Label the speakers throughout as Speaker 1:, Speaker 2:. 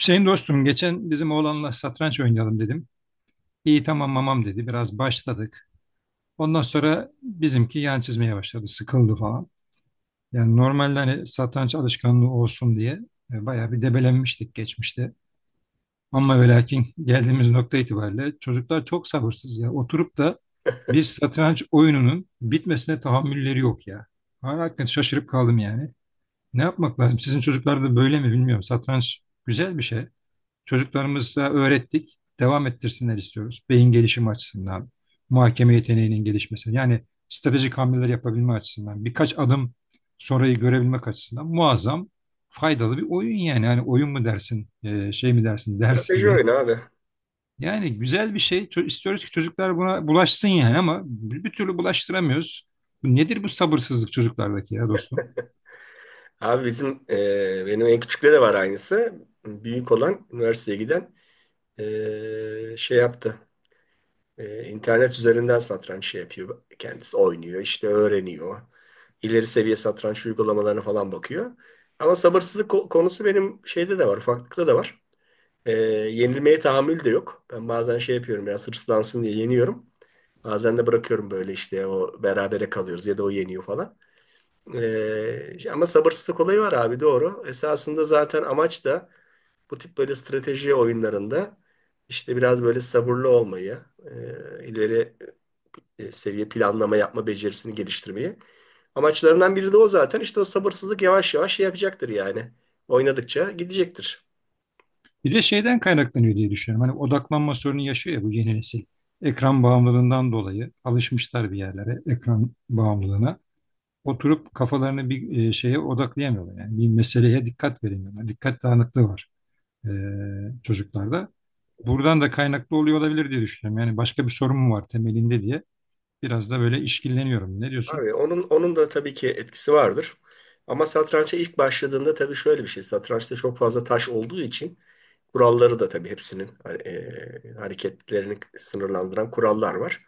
Speaker 1: Hüseyin dostum, geçen bizim oğlanla satranç oynayalım dedim. İyi, tamam mamam dedi. Biraz başladık. Ondan sonra bizimki yan çizmeye başladı. Sıkıldı falan. Yani normalde hani satranç alışkanlığı olsun diye bayağı bir debelenmiştik geçmişte. Ama ve lakin geldiğimiz nokta itibariyle çocuklar çok sabırsız ya. Oturup da bir satranç oyununun bitmesine tahammülleri yok ya. Ben hakikaten şaşırıp kaldım yani. Ne yapmak lazım? Sizin çocuklar da böyle mi bilmiyorum. Satranç güzel bir şey. Çocuklarımıza öğrettik, devam ettirsinler istiyoruz. Beyin gelişimi açısından, muhakeme yeteneğinin gelişmesi, yani stratejik hamleler yapabilme açısından, birkaç adım sonrayı görebilmek açısından muazzam faydalı bir oyun yani. Yani oyun mu dersin, şey mi dersin, ders
Speaker 2: Strateji
Speaker 1: gibi.
Speaker 2: oyunu abi.
Speaker 1: Yani güzel bir şey. İstiyoruz ki çocuklar buna bulaşsın yani ama bir türlü bulaştıramıyoruz. Bu nedir bu sabırsızlık çocuklardaki ya dostum?
Speaker 2: Abi bizim benim en küçükte de var aynısı. Büyük olan üniversiteye giden şey yaptı. İnternet üzerinden satranç şey yapıyor kendisi. Oynuyor işte öğreniyor. İleri seviye satranç uygulamalarına falan bakıyor. Ama sabırsızlık konusu benim şeyde de var. Ufaklıkta da var. E, Yenilmeye tahammül de yok. Ben bazen şey yapıyorum biraz hırslansın diye yeniyorum. Bazen de bırakıyorum böyle işte o berabere kalıyoruz ya da o yeniyor falan. Ama sabırsızlık olayı var abi, doğru. Esasında zaten amaç da bu tip böyle strateji oyunlarında işte biraz böyle sabırlı olmayı, ileri seviye planlama yapma becerisini geliştirmeyi. Amaçlarından biri de o zaten. İşte o sabırsızlık yavaş yavaş şey yapacaktır yani. Oynadıkça gidecektir.
Speaker 1: Bir de şeyden kaynaklanıyor diye düşünüyorum. Hani odaklanma sorunu yaşıyor ya bu yeni nesil. Ekran bağımlılığından dolayı alışmışlar bir yerlere, ekran bağımlılığına. Oturup kafalarını bir şeye odaklayamıyorlar. Yani bir meseleye dikkat veremiyorlar. Dikkat dağınıklığı var e, çocuklarda. Buradan da kaynaklı oluyor olabilir diye düşünüyorum. Yani başka bir sorun mu var temelinde diye biraz da böyle işkilleniyorum. Ne diyorsun?
Speaker 2: Abi onun da tabii ki etkisi vardır. Ama satrança ilk başladığında tabii şöyle bir şey: satrançta çok fazla taş olduğu için kuralları da tabii hepsinin hareketlerini sınırlandıran kurallar var.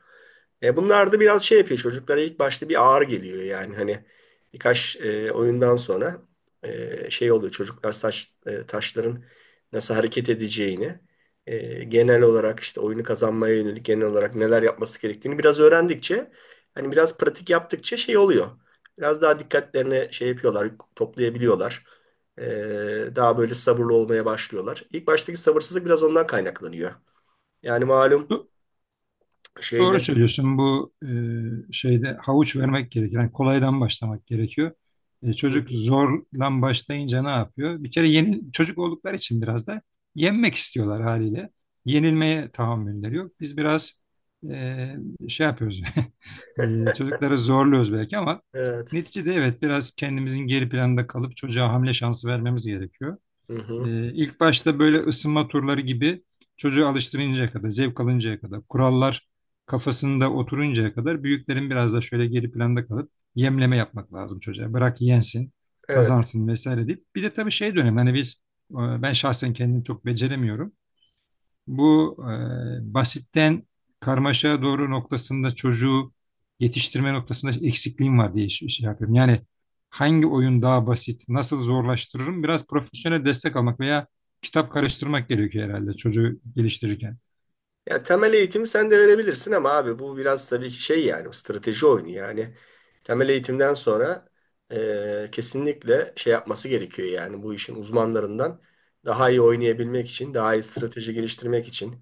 Speaker 2: Bunlar da biraz şey yapıyor çocuklara, ilk başta bir ağır geliyor yani, hani birkaç oyundan sonra şey oluyor çocuklar taş, taşların nasıl hareket edeceğini, genel olarak işte oyunu kazanmaya yönelik genel olarak neler yapması gerektiğini biraz öğrendikçe, hani biraz pratik yaptıkça şey oluyor. Biraz daha dikkatlerini şey yapıyorlar, toplayabiliyorlar. Daha böyle sabırlı olmaya başlıyorlar. İlk baştaki sabırsızlık biraz ondan kaynaklanıyor. Yani malum
Speaker 1: Doğru
Speaker 2: şeyde...
Speaker 1: söylüyorsun. Bu şeyde havuç vermek gerekiyor. Yani kolaydan başlamak gerekiyor. E,
Speaker 2: Hı
Speaker 1: çocuk
Speaker 2: hı.
Speaker 1: zorlan başlayınca ne yapıyor? Bir kere yeni çocuk oldukları için biraz da yenmek istiyorlar haliyle. Yenilmeye tahammülleri yok. Biz biraz e, şey yapıyoruz. Çocukları zorluyoruz belki ama
Speaker 2: Evet.
Speaker 1: neticede evet biraz kendimizin geri planda kalıp çocuğa hamle şansı vermemiz gerekiyor.
Speaker 2: Hı hı.
Speaker 1: İlk başta böyle ısınma turları gibi çocuğu alıştırıncaya kadar, zevk alıncaya kadar, kurallar kafasında oturuncaya kadar büyüklerin biraz da şöyle geri planda kalıp yemleme yapmak lazım çocuğa. Bırak yensin,
Speaker 2: Evet.
Speaker 1: kazansın vesaire deyip. Bir de tabii şey dönem hani biz e, ben şahsen kendim çok beceremiyorum. Bu basitten karmaşaya doğru noktasında çocuğu yetiştirme noktasında eksikliğim var diye şey yapıyorum. Yani hangi oyun daha basit, nasıl zorlaştırırım? Biraz profesyonel destek almak veya kitap karıştırmak gerekiyor herhalde çocuğu geliştirirken.
Speaker 2: Ya, temel eğitimi sen de verebilirsin ama abi bu biraz tabii şey yani, strateji oyunu yani. Temel eğitimden sonra kesinlikle şey yapması gerekiyor yani, bu işin uzmanlarından, daha iyi oynayabilmek için, daha iyi strateji geliştirmek için.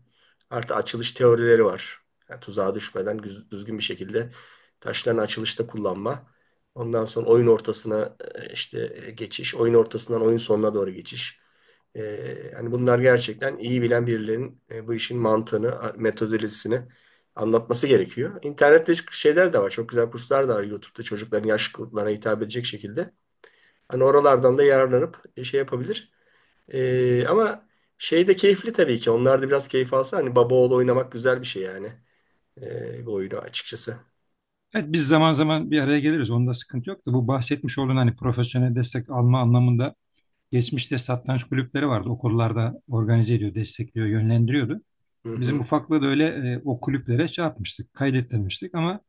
Speaker 2: Artı açılış teorileri var. Yani tuzağa düşmeden düzgün bir şekilde taşların açılışta kullanma. Ondan sonra oyun ortasına işte geçiş, oyun ortasından oyun sonuna doğru geçiş. Hani bunlar gerçekten iyi bilen birilerinin bu işin mantığını, metodolojisini anlatması gerekiyor. İnternette şeyler de var. Çok güzel kurslar da var YouTube'da, çocukların yaş gruplarına hitap edecek şekilde. Hani oralardan da yararlanıp şey yapabilir. Ama şey de keyifli tabii ki. Onlar da biraz keyif alsa, hani baba oğlu oynamak güzel bir şey yani. Bu oyunu açıkçası.
Speaker 1: Evet, biz zaman zaman bir araya geliriz. Onda sıkıntı yok da bu bahsetmiş olduğun hani profesyonel destek alma anlamında geçmişte satranç kulüpleri vardı. Okullarda organize ediyor, destekliyor, yönlendiriyordu.
Speaker 2: Hı
Speaker 1: Bizim
Speaker 2: hı,
Speaker 1: ufaklığı da öyle o kulüplere şey yapmıştık, kaydettirmiştik ama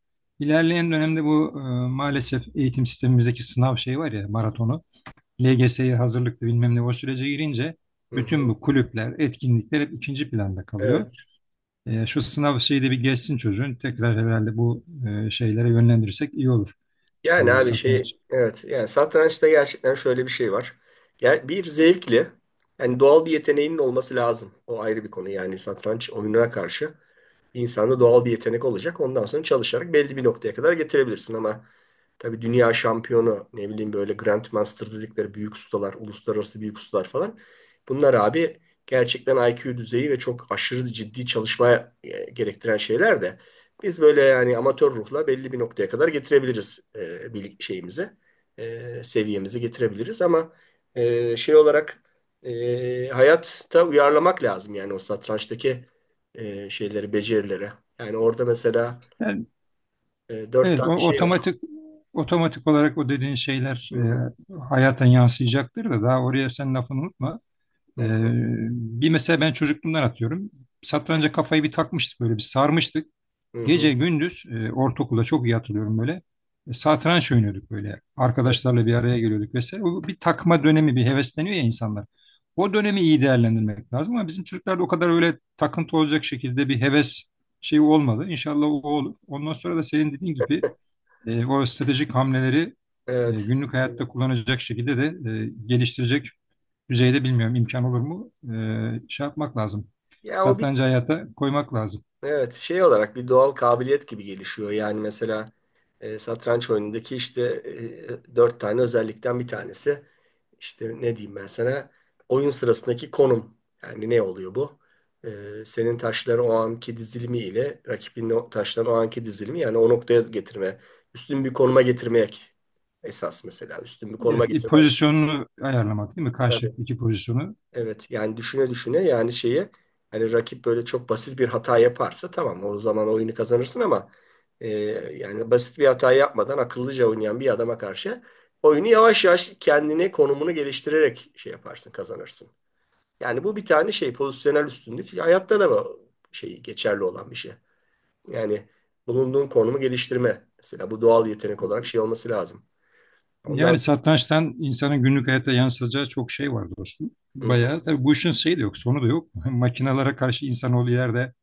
Speaker 1: ilerleyen dönemde bu maalesef eğitim sistemimizdeki sınav şeyi var ya, maratonu, LGS'ye hazırlıklı bilmem ne o sürece girince
Speaker 2: hı
Speaker 1: bütün
Speaker 2: hı.
Speaker 1: bu kulüpler, etkinlikler hep ikinci planda kalıyor.
Speaker 2: Evet.
Speaker 1: E, şu sınav şeyi de bir geçsin çocuğun. Tekrar herhalde bu şeylere yönlendirirsek iyi olur.
Speaker 2: Yani
Speaker 1: E,
Speaker 2: abi şey,
Speaker 1: satranç.
Speaker 2: evet, yani satrançta gerçekten şöyle bir şey var. Yani bir zevkli, yani doğal bir yeteneğinin olması lazım. O ayrı bir konu yani, satranç oyununa karşı insanda doğal bir yetenek olacak. Ondan sonra çalışarak belli bir noktaya kadar getirebilirsin ama tabii dünya şampiyonu, ne bileyim, böyle Grandmaster dedikleri büyük ustalar, uluslararası büyük ustalar falan. Bunlar abi gerçekten IQ düzeyi ve çok aşırı ciddi çalışma gerektiren şeyler de biz böyle yani amatör ruhla belli bir noktaya kadar getirebiliriz, şeyimizi, seviyemizi getirebiliriz ama şey olarak hayatta uyarlamak lazım yani, o satrançtaki şeyleri, becerileri. Yani orada mesela
Speaker 1: Yani
Speaker 2: dört
Speaker 1: evet, o
Speaker 2: tane şey var.
Speaker 1: otomatik olarak o dediğin şeyler
Speaker 2: Hı hı,
Speaker 1: hayata yansıyacaktır da daha oraya sen lafını unutma.
Speaker 2: hı
Speaker 1: E,
Speaker 2: hı.
Speaker 1: Bir mesela ben çocukluğumdan atıyorum. Satranca kafayı bir takmıştık böyle, bir sarmıştık.
Speaker 2: Hı hı.
Speaker 1: Gece gündüz ortaokulda çok iyi hatırlıyorum böyle. E, satranç oynuyorduk böyle.
Speaker 2: Evet.
Speaker 1: Arkadaşlarla bir araya geliyorduk vesaire. O bir takma dönemi bir hevesleniyor ya insanlar. O dönemi iyi değerlendirmek lazım ama bizim çocuklarda o kadar öyle takıntı olacak şekilde bir heves şeyi olmadı. İnşallah o olur. Ondan sonra da senin dediğin gibi o stratejik hamleleri
Speaker 2: Evet.
Speaker 1: günlük hayatta kullanacak şekilde de geliştirecek düzeyde bilmiyorum imkan olur mu? E, şey yapmak lazım.
Speaker 2: Ya o bir,
Speaker 1: Satrancı hayata koymak lazım.
Speaker 2: evet, şey olarak bir doğal kabiliyet gibi gelişiyor. Yani mesela satranç oyunundaki işte dört tane özellikten bir tanesi işte, ne diyeyim ben sana, oyun sırasındaki konum. Yani ne oluyor bu? Senin taşların o anki dizilimi ile rakibin o taşların o anki dizilimi, yani o noktaya getirme, üstün bir konuma getirmek esas mesela, üstün bir konuma
Speaker 1: Evet,
Speaker 2: getirmen.
Speaker 1: pozisyonunu ayarlamak değil mi? Karşılıklı iki pozisyonu.
Speaker 2: Evet yani düşüne düşüne, yani şeyi, hani rakip böyle çok basit bir hata yaparsa tamam, o zaman oyunu kazanırsın ama e, yani basit bir hata yapmadan akıllıca oynayan bir adama karşı oyunu yavaş yavaş kendini, konumunu geliştirerek şey yaparsın, kazanırsın. Yani bu bir tane şey, pozisyonel üstünlük, hayatta da bu şey geçerli olan bir şey. Yani bulunduğun konumu geliştirme mesela, bu doğal yetenek olarak şey olması lazım. Ondan
Speaker 1: Yani
Speaker 2: sonra.
Speaker 1: satrançtan insanın günlük hayata yansıtacağı çok şey var dostum.
Speaker 2: Hı hı.
Speaker 1: Bayağı tabii bu işin şeyi de yok, sonu da yok. Makinalara karşı insanoğlu yerde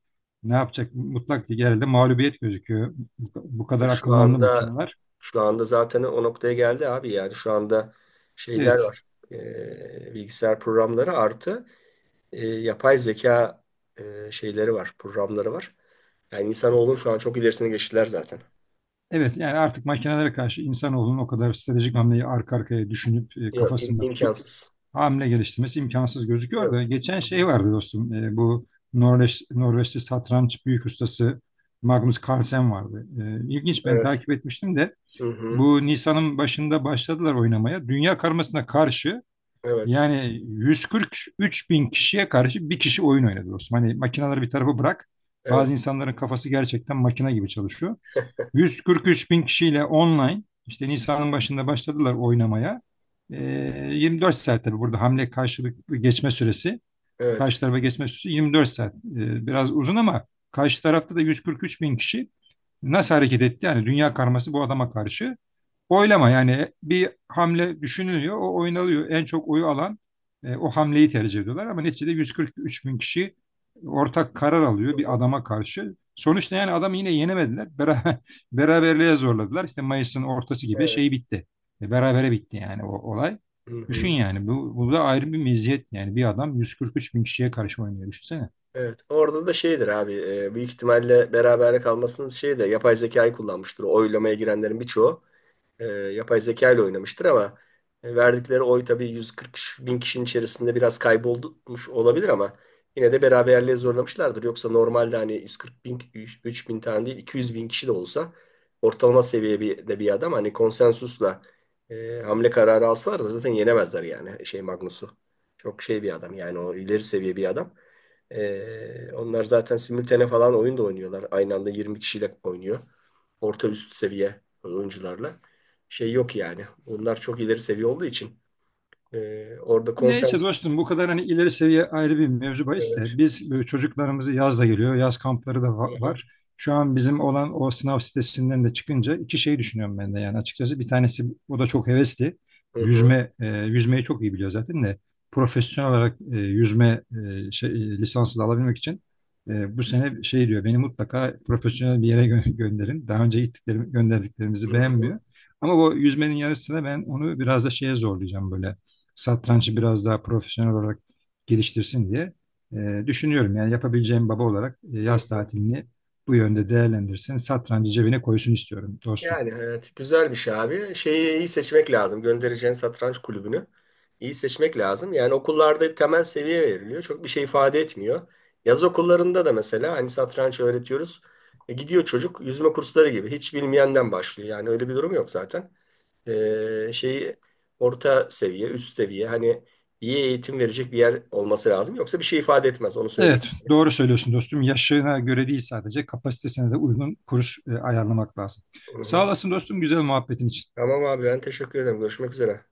Speaker 1: ne yapacak? Mutlak bir yerde mağlubiyet gözüküyor. Bu
Speaker 2: Ya,
Speaker 1: kadar
Speaker 2: Şu
Speaker 1: akıllandı
Speaker 2: anda
Speaker 1: makineler.
Speaker 2: şu anda zaten o noktaya geldi abi, yani şu anda şeyler
Speaker 1: Evet,
Speaker 2: var. Bilgisayar programları artı yapay zeka şeyleri var, programları var. Yani insanoğlunun şu an çok ilerisine geçtiler zaten.
Speaker 1: evet yani artık makinelere karşı insanoğlunun o kadar stratejik hamleyi arka arkaya düşünüp
Speaker 2: Yok,
Speaker 1: kafasında tutup
Speaker 2: imkansız.
Speaker 1: hamle geliştirmesi imkansız gözüküyor
Speaker 2: Yok.
Speaker 1: da geçen
Speaker 2: Hı hı.
Speaker 1: şey vardı dostum, bu Norveç, Norveçli satranç büyük ustası Magnus Carlsen vardı. E, ilginç, ben
Speaker 2: Evet.
Speaker 1: takip etmiştim de
Speaker 2: Hı hı.
Speaker 1: bu Nisan'ın başında başladılar oynamaya. Dünya karmasına karşı
Speaker 2: Evet.
Speaker 1: yani 143 bin kişiye karşı bir kişi oyun oynadı dostum. Hani makineleri bir tarafa bırak,
Speaker 2: Evet.
Speaker 1: bazı insanların kafası gerçekten makine gibi çalışıyor. 143 bin kişiyle online işte Nisan'ın başında başladılar oynamaya. Ee, 24 saat tabii burada hamle karşılıklı geçme süresi,
Speaker 2: Evet.
Speaker 1: karşı tarafa geçme süresi 24 saat. Biraz uzun ama karşı tarafta da 143 bin kişi nasıl hareket etti? Yani dünya karması bu adama karşı. Oylama yani bir hamle düşünülüyor, o oynalıyor. En çok oyu alan o hamleyi tercih ediyorlar ama neticede 143 bin kişi ortak karar
Speaker 2: Hı
Speaker 1: alıyor bir
Speaker 2: hı.
Speaker 1: adama karşı. Sonuçta yani adamı yine yenemediler. Beraber, beraberliğe zorladılar. İşte Mayıs'ın ortası gibi
Speaker 2: Evet.
Speaker 1: şey bitti. E, berabere bitti yani o olay.
Speaker 2: Hı
Speaker 1: Düşün
Speaker 2: hı.
Speaker 1: yani bu, bu da ayrı bir meziyet yani bir adam 143 bin kişiye karşı oynuyor düşünsene.
Speaker 2: Evet. Orada da şeydir abi. Büyük ihtimalle beraber kalmasının şeyi de, yapay zekayı kullanmıştır o oylamaya girenlerin birçoğu. Yapay zeka ile oynamıştır ama verdikleri oy tabii 140 bin kişinin içerisinde biraz kaybolmuş olabilir ama yine de beraberliğe zorlamışlardır. Yoksa normalde hani 140 bin, 3 bin tane değil, 200 bin kişi de olsa ortalama seviye bir, de bir adam, hani konsensusla hamle kararı alsalar da zaten yenemezler yani şey Magnus'u. Çok şey bir adam yani, o ileri seviye bir adam. Onlar zaten simültane falan oyun da oynuyorlar. Aynı anda 20 kişiyle oynuyor. Orta üst seviye oyuncularla şey yok yani. Bunlar çok ileri seviye olduğu için orada
Speaker 1: Neyse
Speaker 2: konsens.
Speaker 1: dostum bu kadar hani ileri seviye ayrı bir mevzu bahis
Speaker 2: Evet.
Speaker 1: de biz çocuklarımızı yaz da geliyor. Yaz kampları da
Speaker 2: Hı
Speaker 1: var. Şu an bizim olan o sınav sitesinden de çıkınca iki şey düşünüyorum ben de yani açıkçası. Bir tanesi o da çok hevesli.
Speaker 2: hı,
Speaker 1: Yüzme, yüzmeyi çok iyi biliyor zaten de profesyonel olarak yüzme lisansı da alabilmek için bu sene şey diyor beni mutlaka profesyonel bir yere gönderin. Daha önce gittiklerim,
Speaker 2: hı
Speaker 1: gönderdiklerimizi
Speaker 2: hı, hı hı,
Speaker 1: beğenmiyor. Ama bu yüzmenin yarısına ben onu biraz da şeye zorlayacağım böyle, satrancı biraz daha profesyonel olarak geliştirsin diye düşünüyorum. Yani yapabileceğim baba olarak
Speaker 2: hı
Speaker 1: yaz
Speaker 2: hı.
Speaker 1: tatilini bu yönde değerlendirsin. Satrancı cebine koysun istiyorum dostum.
Speaker 2: Yani evet, güzel bir şey abi. Şeyi iyi seçmek lazım. Göndereceğin satranç kulübünü iyi seçmek lazım. Yani okullarda temel seviye veriliyor. Çok bir şey ifade etmiyor. Yaz okullarında da mesela hani satranç öğretiyoruz. Gidiyor çocuk, yüzme kursları gibi. Hiç bilmeyenden başlıyor. Yani öyle bir durum yok zaten. Şeyi orta seviye, üst seviye, hani iyi eğitim verecek bir yer olması lazım. Yoksa bir şey ifade etmez, onu söyleyeyim.
Speaker 1: Evet, doğru söylüyorsun dostum. Yaşına göre değil sadece kapasitesine de uygun kurs ayarlamak lazım.
Speaker 2: Hı
Speaker 1: Sağ
Speaker 2: hı.
Speaker 1: olasın dostum güzel muhabbetin için.
Speaker 2: Tamam abi, ben teşekkür ederim. Görüşmek üzere.